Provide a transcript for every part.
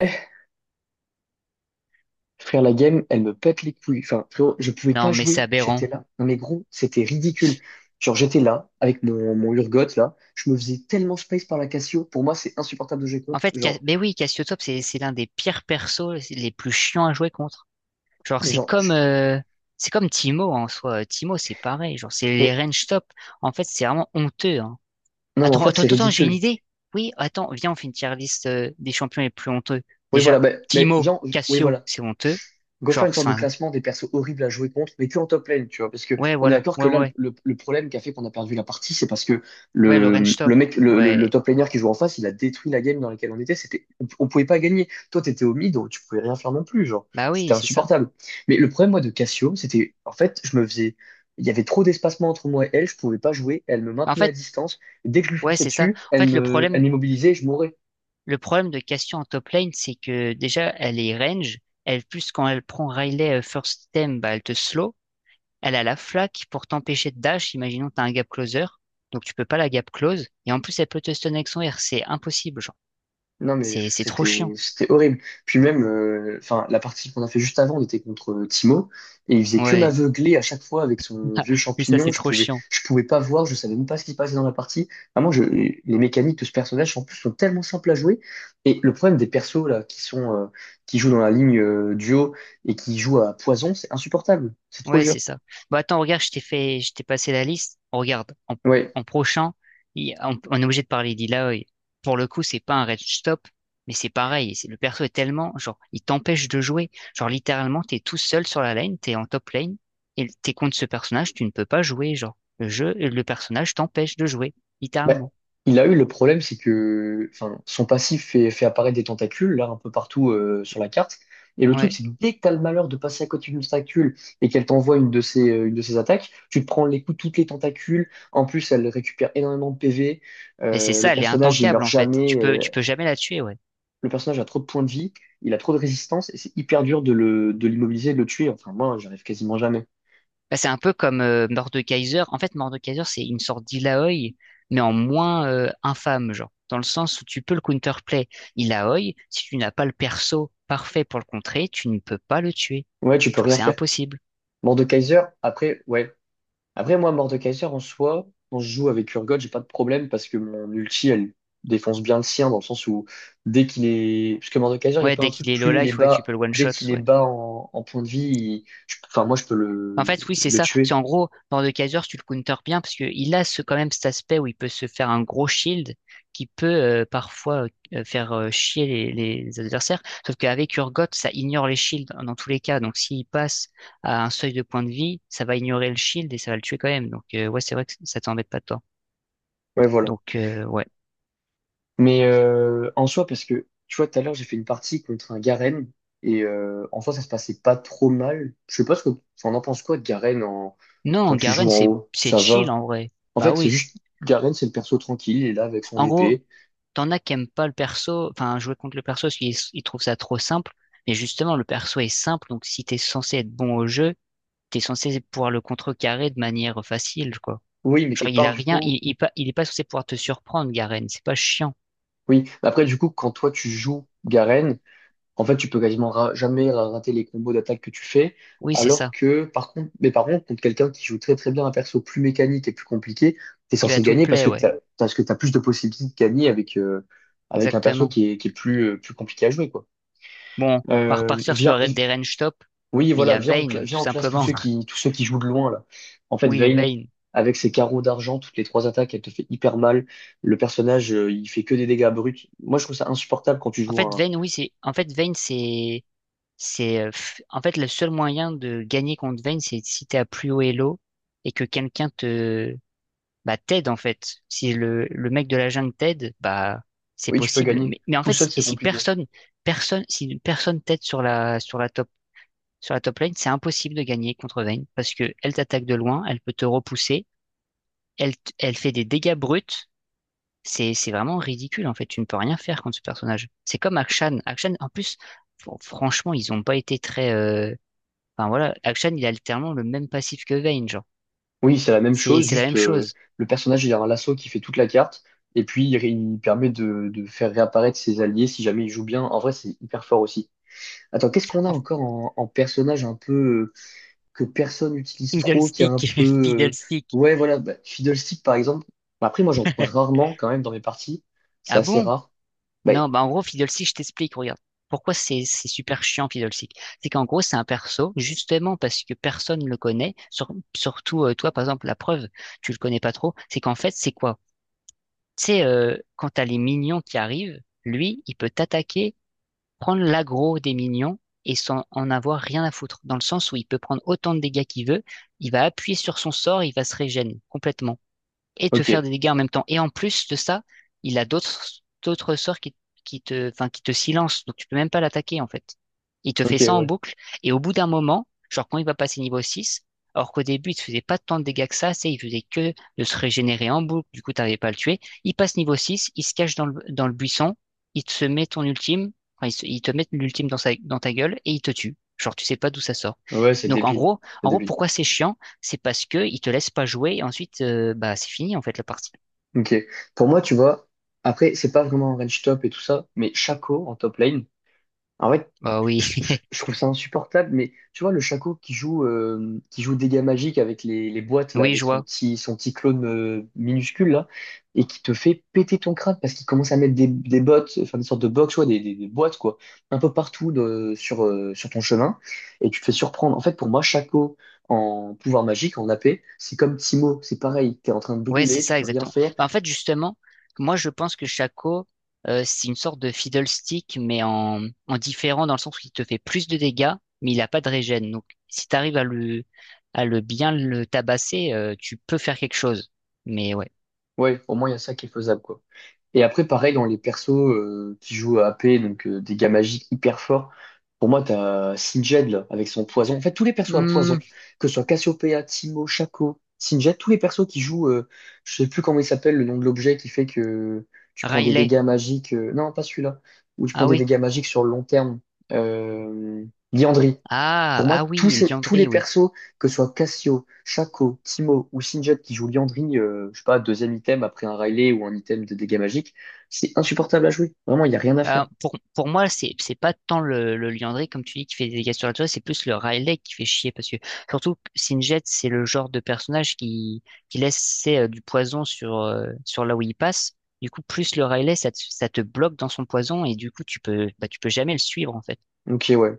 Eh, Frère, la game, elle me pète les couilles. Enfin, frérot, je pouvais pas Non, mais c'est jouer. aberrant. J'étais là. Non, mais gros, c'était ridicule. Genre, j'étais là, avec mon Urgot, là. Je me faisais tellement space par la Cassio. Pour moi, c'est insupportable de jouer En contre. fait, Cas- Genre, mais oui, Cassiotop, c'est l'un des pires persos, c'est les plus chiants à jouer contre. Genre, mais genre, c'est comme Timo en soi. Timo, c'est pareil. Genre, c'est mais les range top. En fait, c'est vraiment honteux, hein. non, mais en Attends, fait, attends, c'est attends, attends, j'ai une ridicule. idée. Oui, attends, viens, on fait une tier list des champions les plus honteux. Oui, voilà, Déjà, mais Timo, viens, oui, Cassio, voilà. c'est honteux. Go faire une Genre, sorte c'est- de enfin, classement des persos horribles à jouer contre, mais que en top lane, tu vois. Parce que ouais, on est voilà, d'accord ouais, que là, le, ouais, le- le problème qui a fait qu'on a perdu la partie, c'est parce que ouais, le le, range le top, mec, le ouais. top laner qui joue en face, il a détruit la game dans laquelle on était. C'était, on pouvait pas gagner. Toi, t'étais au mid, donc tu pouvais rien faire non plus, genre. Bah oui, C'était c'est ça. insupportable. Mais le problème, moi, de Cassio, c'était, en fait, il y avait trop d'espacement entre moi et elle, je pouvais pas jouer. Elle me En maintenait à fait, distance. Et dès que je lui ouais, fonçais c'est ça. dessus, En fait, le elle problème. m'immobilisait, et je mourais. Le problème de Cassio en top lane, c'est que déjà, elle est range. Elle, plus quand elle prend Riley first item, bah, elle te slow. Elle a la flaque pour t'empêcher de dash. Imaginons que t'as un gap closer. Donc, tu peux pas la gap close. Et en plus, elle peut te stun avec son R. C'est impossible, genre. Non, mais C'est, pff, c'est trop c'était chiant. c'était horrible. Puis même, enfin, la partie qu'on a fait juste avant, on était contre Timo, et il faisait que Ouais. m'aveugler à chaque fois avec son vieux Oui, ça, champignon. c'est trop chiant. Je pouvais pas voir, je savais même pas ce qui se passait dans la partie. Vraiment, les mécaniques de ce personnage, en plus, sont tellement simples à jouer. Et le problème des persos, là, qui jouent dans la ligne duo et qui jouent à poison, c'est insupportable. C'est trop Ouais, dur. c'est ça. Bah attends, regarde, je t'ai passé la liste. Regarde, Ouais. en prochain, on est obligé de parler d'Illaoi. Pour le coup, c'est pas un red stop, mais c'est pareil. C'est- Le perso est tellement, genre, il t'empêche de jouer. Genre, littéralement, t'es tout seul sur la lane, t'es en top lane, et t'es contre ce personnage, tu ne peux pas jouer. Genre, le jeu, le personnage t'empêche de jouer, Bah, littéralement. il a eu le problème, c'est que enfin, son passif fait apparaître des tentacules là un peu partout sur la carte. Et le truc, Ouais. c'est que dès que t'as le malheur de passer à côté d'une tentacule et qu'elle t'envoie une de ses attaques, tu te prends les coups de toutes les tentacules. En plus, elle récupère énormément de PV. Mais c'est Le ça, elle est personnage, il intankable, meurt en fait. jamais. Tu peux, tu peux jamais la tuer, ouais. Le personnage a trop de points de vie, il a trop de résistance et c'est hyper dur de de l'immobiliser, de le tuer. Enfin, moi, j'arrive quasiment jamais. Bah, c'est un peu comme Mordekaiser. En fait, Mordekaiser, c'est une sorte d'Illaoi, mais en moins infâme, genre. Dans le sens où tu peux le counterplay Illaoi, si tu n'as pas le perso parfait pour le contrer, tu ne peux pas le tuer. Ouais, tu peux Genre, rien c'est faire. impossible. Mort de Kaiser, après, ouais. Après, moi, mort de Kaiser, en soi, quand je joue avec Urgot, j'ai pas de problème parce que mon ulti, elle défonce bien le sien dans le sens où dès qu'il est. Parce que mort de Kaiser, il y a Ouais, pas un dès qu'il truc, est low plus il est life, ouais, tu peux bas, le one dès shot, qu'il est ouais. bas en, en point de vie, enfin, moi, je peux En fait, oui, c'est le ça. C'est tuer. en gros, Lord de Kaiser, tu le counter bien parce qu'il a ce, quand même cet aspect où il peut se faire un gros shield qui peut parfois faire chier les adversaires. Sauf qu'avec Urgot, ça ignore les shields dans tous les cas. Donc s'il passe à un seuil de points de vie, ça va ignorer le shield et ça va le tuer quand même. Donc ouais, c'est vrai que ça t'embête pas tant. Ouais, voilà. Donc ouais. Mais en soi, parce que tu vois, tout à l'heure, j'ai fait une partie contre un Garen et en soi, ça se passait pas trop mal. Je sais pas ce que. Enfin, on en pense quoi de Garen en... quand Non, tu Garen, joues en c'est haut? c'est Ça chill va. en vrai. En Bah fait, c'est oui. juste. Garen, c'est le perso tranquille, il est là avec son En gros, épée. T'en as qui aiment pas le perso, enfin jouer contre le perso parce qu'ils trouvent ça trop simple. Mais justement, le perso est simple, donc si t'es censé être bon au jeu, t'es censé pouvoir le contrecarrer de manière facile, quoi. Oui, mais Genre, quelque il part, a du rien, coup, il est pas censé pouvoir te surprendre, Garen. C'est pas chiant. oui. Après, du coup, quand toi, tu joues Garen, en fait, tu peux quasiment jamais rater les combos d'attaque que tu fais. Oui, c'est Alors ça. que, par contre, mais par contre, contre quelqu'un qui joue très très bien un perso plus mécanique et plus compliqué, t'es Il va censé tout te gagner plaire, ouais. Parce que t'as plus de possibilités de gagner avec, avec un perso Exactement. Qui est plus, plus compliqué à jouer, quoi. Bon, on va Euh, repartir viens, sur des range top, Oui, mais il y voilà, a viens, Vayne, tout viens, on classe simplement. Tous ceux qui jouent de loin, là. En fait, Oui, Vayne, Vayne. avec ses carreaux d'argent, toutes les trois attaques, elle te fait hyper mal. Le personnage il fait que des dégâts bruts. Moi, je trouve ça insupportable quand tu En joues fait, un... Vayne, oui, c'est, en fait, Vayne, c'est le seul moyen de gagner contre Vayne, c'est si t'es à plus haut elo et que bah, t'aide, en fait. Si le mec de la jungle t'aide, bah, c'est Oui, tu peux possible. gagner. Mais en Tout fait, seul, c'est si compliqué. personne, si personne t'aide sur sur la top lane, c'est impossible de gagner contre Vayne parce que elle t'attaque de loin, elle peut te repousser, elle fait des dégâts bruts. C'est vraiment ridicule, en fait. Tu ne peux rien faire contre ce personnage. C'est comme Akshan. Akshan, en plus, franchement, ils ont pas été très, enfin voilà, Akshan il a littéralement le même passif que Vayne, genre. Oui, c'est la même C'est chose, c'est la même juste chose. le personnage, il a un lasso qui fait toute la carte, et puis il permet de faire réapparaître ses alliés si jamais il joue bien. En vrai, c'est hyper fort aussi. Attends, qu'est-ce qu'on a En fait, encore en, en personnage un peu... que personne n'utilise trop, qui est Fiddlestick, un peu... Fiddlestick. ouais, voilà, bah, Fiddlestick, par exemple. Bah, après, moi, j'en croise rarement, quand même, dans mes parties. C'est Ah assez bon? rare. Bah, Non, bah en gros, Fiddlestick, je t'explique, regarde. Pourquoi c'est super chiant, Fiddlestick? C'est qu'en gros, c'est un perso, justement parce que personne ne le connaît, surtout toi, par exemple, la preuve, tu le connais pas trop, c'est qu'en fait, c'est quoi? Tu sais, quand t'as les minions qui arrivent, lui, il peut t'attaquer prendre l'aggro des minions et sans en avoir rien à foutre, dans le sens où il peut prendre autant de dégâts qu'il veut, il va appuyer sur son sort, il va se régénérer complètement et te faire ok, des dégâts en même temps. Et en plus de ça, il a d'autres sorts qui te, enfin, qui te silencent, donc tu peux même pas l'attaquer en fait. Il te ok, fait ça en ouais. boucle, et au bout d'un moment, genre quand il va passer niveau 6 alors qu'au début il te faisait pas tant de dégâts que ça, c'est il faisait que de se régénérer en boucle, du coup t'arrivais pas à le tuer, il passe niveau 6 il se cache dans dans le buisson, il te se met ton ultime, enfin, il, se- il te met l'ultime dans, dans ta gueule, et il te tue. Genre tu sais pas d'où ça sort. Ouais, c'est Donc débile. C'est en gros débile. pourquoi c'est chiant? C'est parce que ils te laissent pas jouer et ensuite bah c'est fini en fait la partie. Ok. Pour moi, tu vois, après, c'est pas vraiment un range top et tout ça, mais Shaco, en top lane, en fait, Bah oui, je trouve ça insupportable, mais tu vois, le Shaco qui joue dégâts magiques avec les boîtes, là, oui, avec je vois. Son petit clone minuscule, là, et qui te fait péter ton crâne parce qu'il commence à mettre des sortes de box, ouais, des boîtes, quoi, un peu partout sur, sur ton chemin, et tu te fais surprendre. En fait, pour moi, Shaco en pouvoir magique, en AP, c'est comme Timo, c'est pareil, t'es en train de Ouais, c'est brûler, tu ça peux rien exactement. faire. Bah, en fait, justement, moi je pense que Shaco, c'est une sorte de fiddlestick, mais en différent dans le sens où il te fait plus de dégâts, mais il a pas de régène. Donc si tu arrives à le bien le tabasser, tu peux faire quelque chose. Mais ouais. Ouais, au moins, il y a ça qui est faisable, quoi. Et après, pareil, dans les persos qui jouent à AP, donc des gars magiques hyper forts, pour moi, t'as Singed, là, avec son poison. En fait, tous les persos à Hmm, poison, que ce soit Cassiopeia, Timo, Shaco, Singed, tous les persos qui jouent, je sais plus comment il s'appelle, le nom de l'objet qui fait que tu prends des Riley. dégâts magiques. Non, pas celui-là. Où tu prends Ah des oui. dégâts magiques sur le long terme. Euh, Liandry. Ah Pour ah moi, oui, il tous les Liandry, oui. persos que ce soit Cassio, Shaco, Timo ou Sinjot qui joue Liandry, je sais pas, deuxième item après un Riley ou un item de dégâts magiques, c'est insupportable à jouer. Vraiment, il n'y a rien à faire. Pour moi, c'est pas tant le Liandry, comme tu dis, qui fait des dégâts sur la toile, c'est plus le Riley qui fait chier, parce que surtout, que Singed, c'est le genre de personnage qui laisse c'est, du poison sur, sur là où il passe. Du coup, plus le Riley, ça te bloque dans son poison, et du coup, tu peux, bah, tu peux jamais le suivre, en fait. Ok, ouais.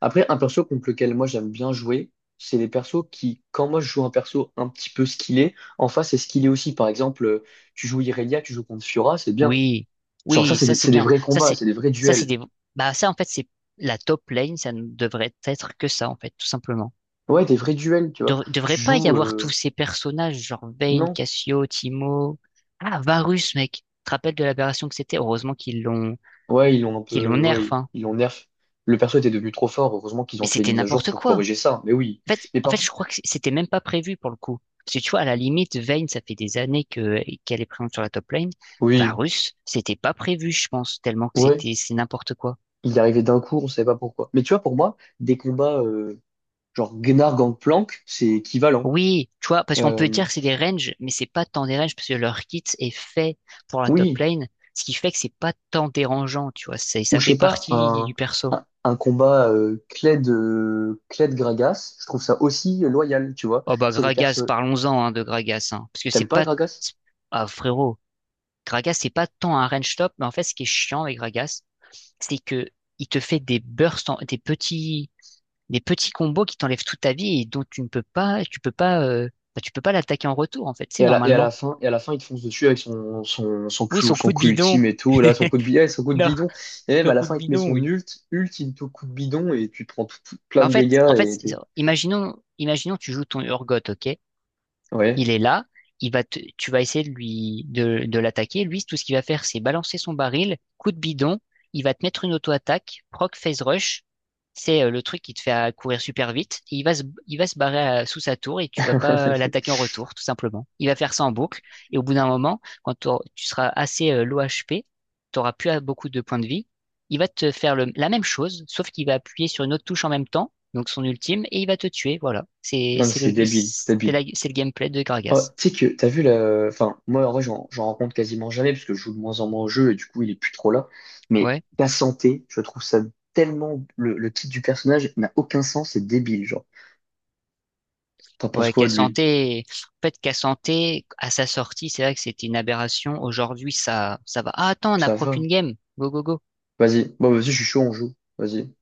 Après, un perso contre lequel moi j'aime bien jouer, c'est les persos qui, quand moi je joue un perso un petit peu skillé, en face c'est skillé aussi. Par exemple, tu joues Irelia, tu joues contre Fiora, c'est bien. Oui, Genre ça, oui, ça c'est c'est des bien. vrais combats, c'est des vrais ça c'est duels. des, ça en fait, c'est la top lane, ça ne devrait être que ça, en fait, tout simplement. Ouais, des vrais duels, tu vois. Devrait Tu pas y joues... avoir tous ces personnages, genre Vayne, Non, Cassio, Timo. Ah, Varus, mec. Tu te rappelles de l'aberration que c'était? Heureusement Ouais, ils l'ont un qu'ils l'ont peu, nerf, ouais, hein. ils l'ont nerf. Le perso était devenu trop fort. Heureusement qu'ils Mais ont fait une c'était mise à jour n'importe pour quoi. corriger ça. Mais oui. En fait, Mais en fait, par, je crois que c'était même pas prévu pour le coup. Parce que tu vois, à la limite, Vayne, ça fait des années qu'elle est présente sur la top lane. oui, Varus, c'était pas prévu, je pense, tellement que ouais. c'était, c'est n'importe quoi. Il est arrivé d'un coup, on savait pas pourquoi. Mais tu vois, pour moi, des combats, genre Gnar Gangplank, c'est équivalent. Oui, tu vois, parce qu'on peut Euh, dire que c'est des ranges, mais c'est pas tant des ranges parce que leur kit est fait pour la top oui. lane, ce qui fait que c'est pas tant dérangeant, tu vois, c'est, Ou ça je fait sais pas, partie du perso. Un combat, Kled Gragas, je trouve ça aussi loyal, tu vois. Oh bah C'est des Gragas, persos, parlons-en hein, de Gragas, hein, parce que c'est t'aimes pas pas... Gragas? Ah frérot, Gragas c'est pas tant un range top, mais en fait ce qui est chiant avec Gragas, c'est que il te fait des bursts, des petits combos qui t'enlèvent toute ta vie et dont tu peux pas, bah, tu peux pas l'attaquer en retour en fait, c'est normalement. Et à la fin, il te fonce dessus avec Oui, son son coup de coup bidon. ultime et tout, là, son coup de Non. bidon. Et même Un à la coup de fin, il te met bidon, oui. Ultime tout coup de bidon et tu prends plein Bah de en fait, dégâts et c'est- t'es... imaginons tu joues ton Urgot, ok? Ouais. Il est là, tu vas essayer de l'attaquer. Lui, tout ce qu'il va faire, c'est balancer son baril, coup de bidon, il va te mettre une auto-attaque, proc phase rush. C'est le truc qui te fait courir super vite. Et il va se barrer sous sa tour et tu vas pas l'attaquer en retour, tout simplement. Il va faire ça en boucle. Et au bout d'un moment, quand tu seras assez low HP, tu n'auras plus beaucoup de points de vie. Il va te faire la même chose, sauf qu'il va appuyer sur une autre touche en même temps donc son ultime, et il va te tuer, voilà. Non, mais c'est débile, c'est débile. C'est le gameplay de Oh, Gragas. T'as vu la... Enfin, moi, en vrai, j'en rencontre quasiment jamais parce que je joue de moins en moins au jeu et du coup, il est plus trop là. Mais Ouais, ta santé, je trouve ça tellement... le titre du personnage n'a aucun sens, c'est débile, genre. T'en penses ouais, quoi de lui? Cassante, Cassante, à sa sortie, c'est vrai que c'était une aberration. Aujourd'hui, ça va. Ah, attends, on n'a Ça pro va. qu'une game. Go, go, go. Vas-y. Bon, bah, vas-y, je suis chaud, on joue. Vas-y.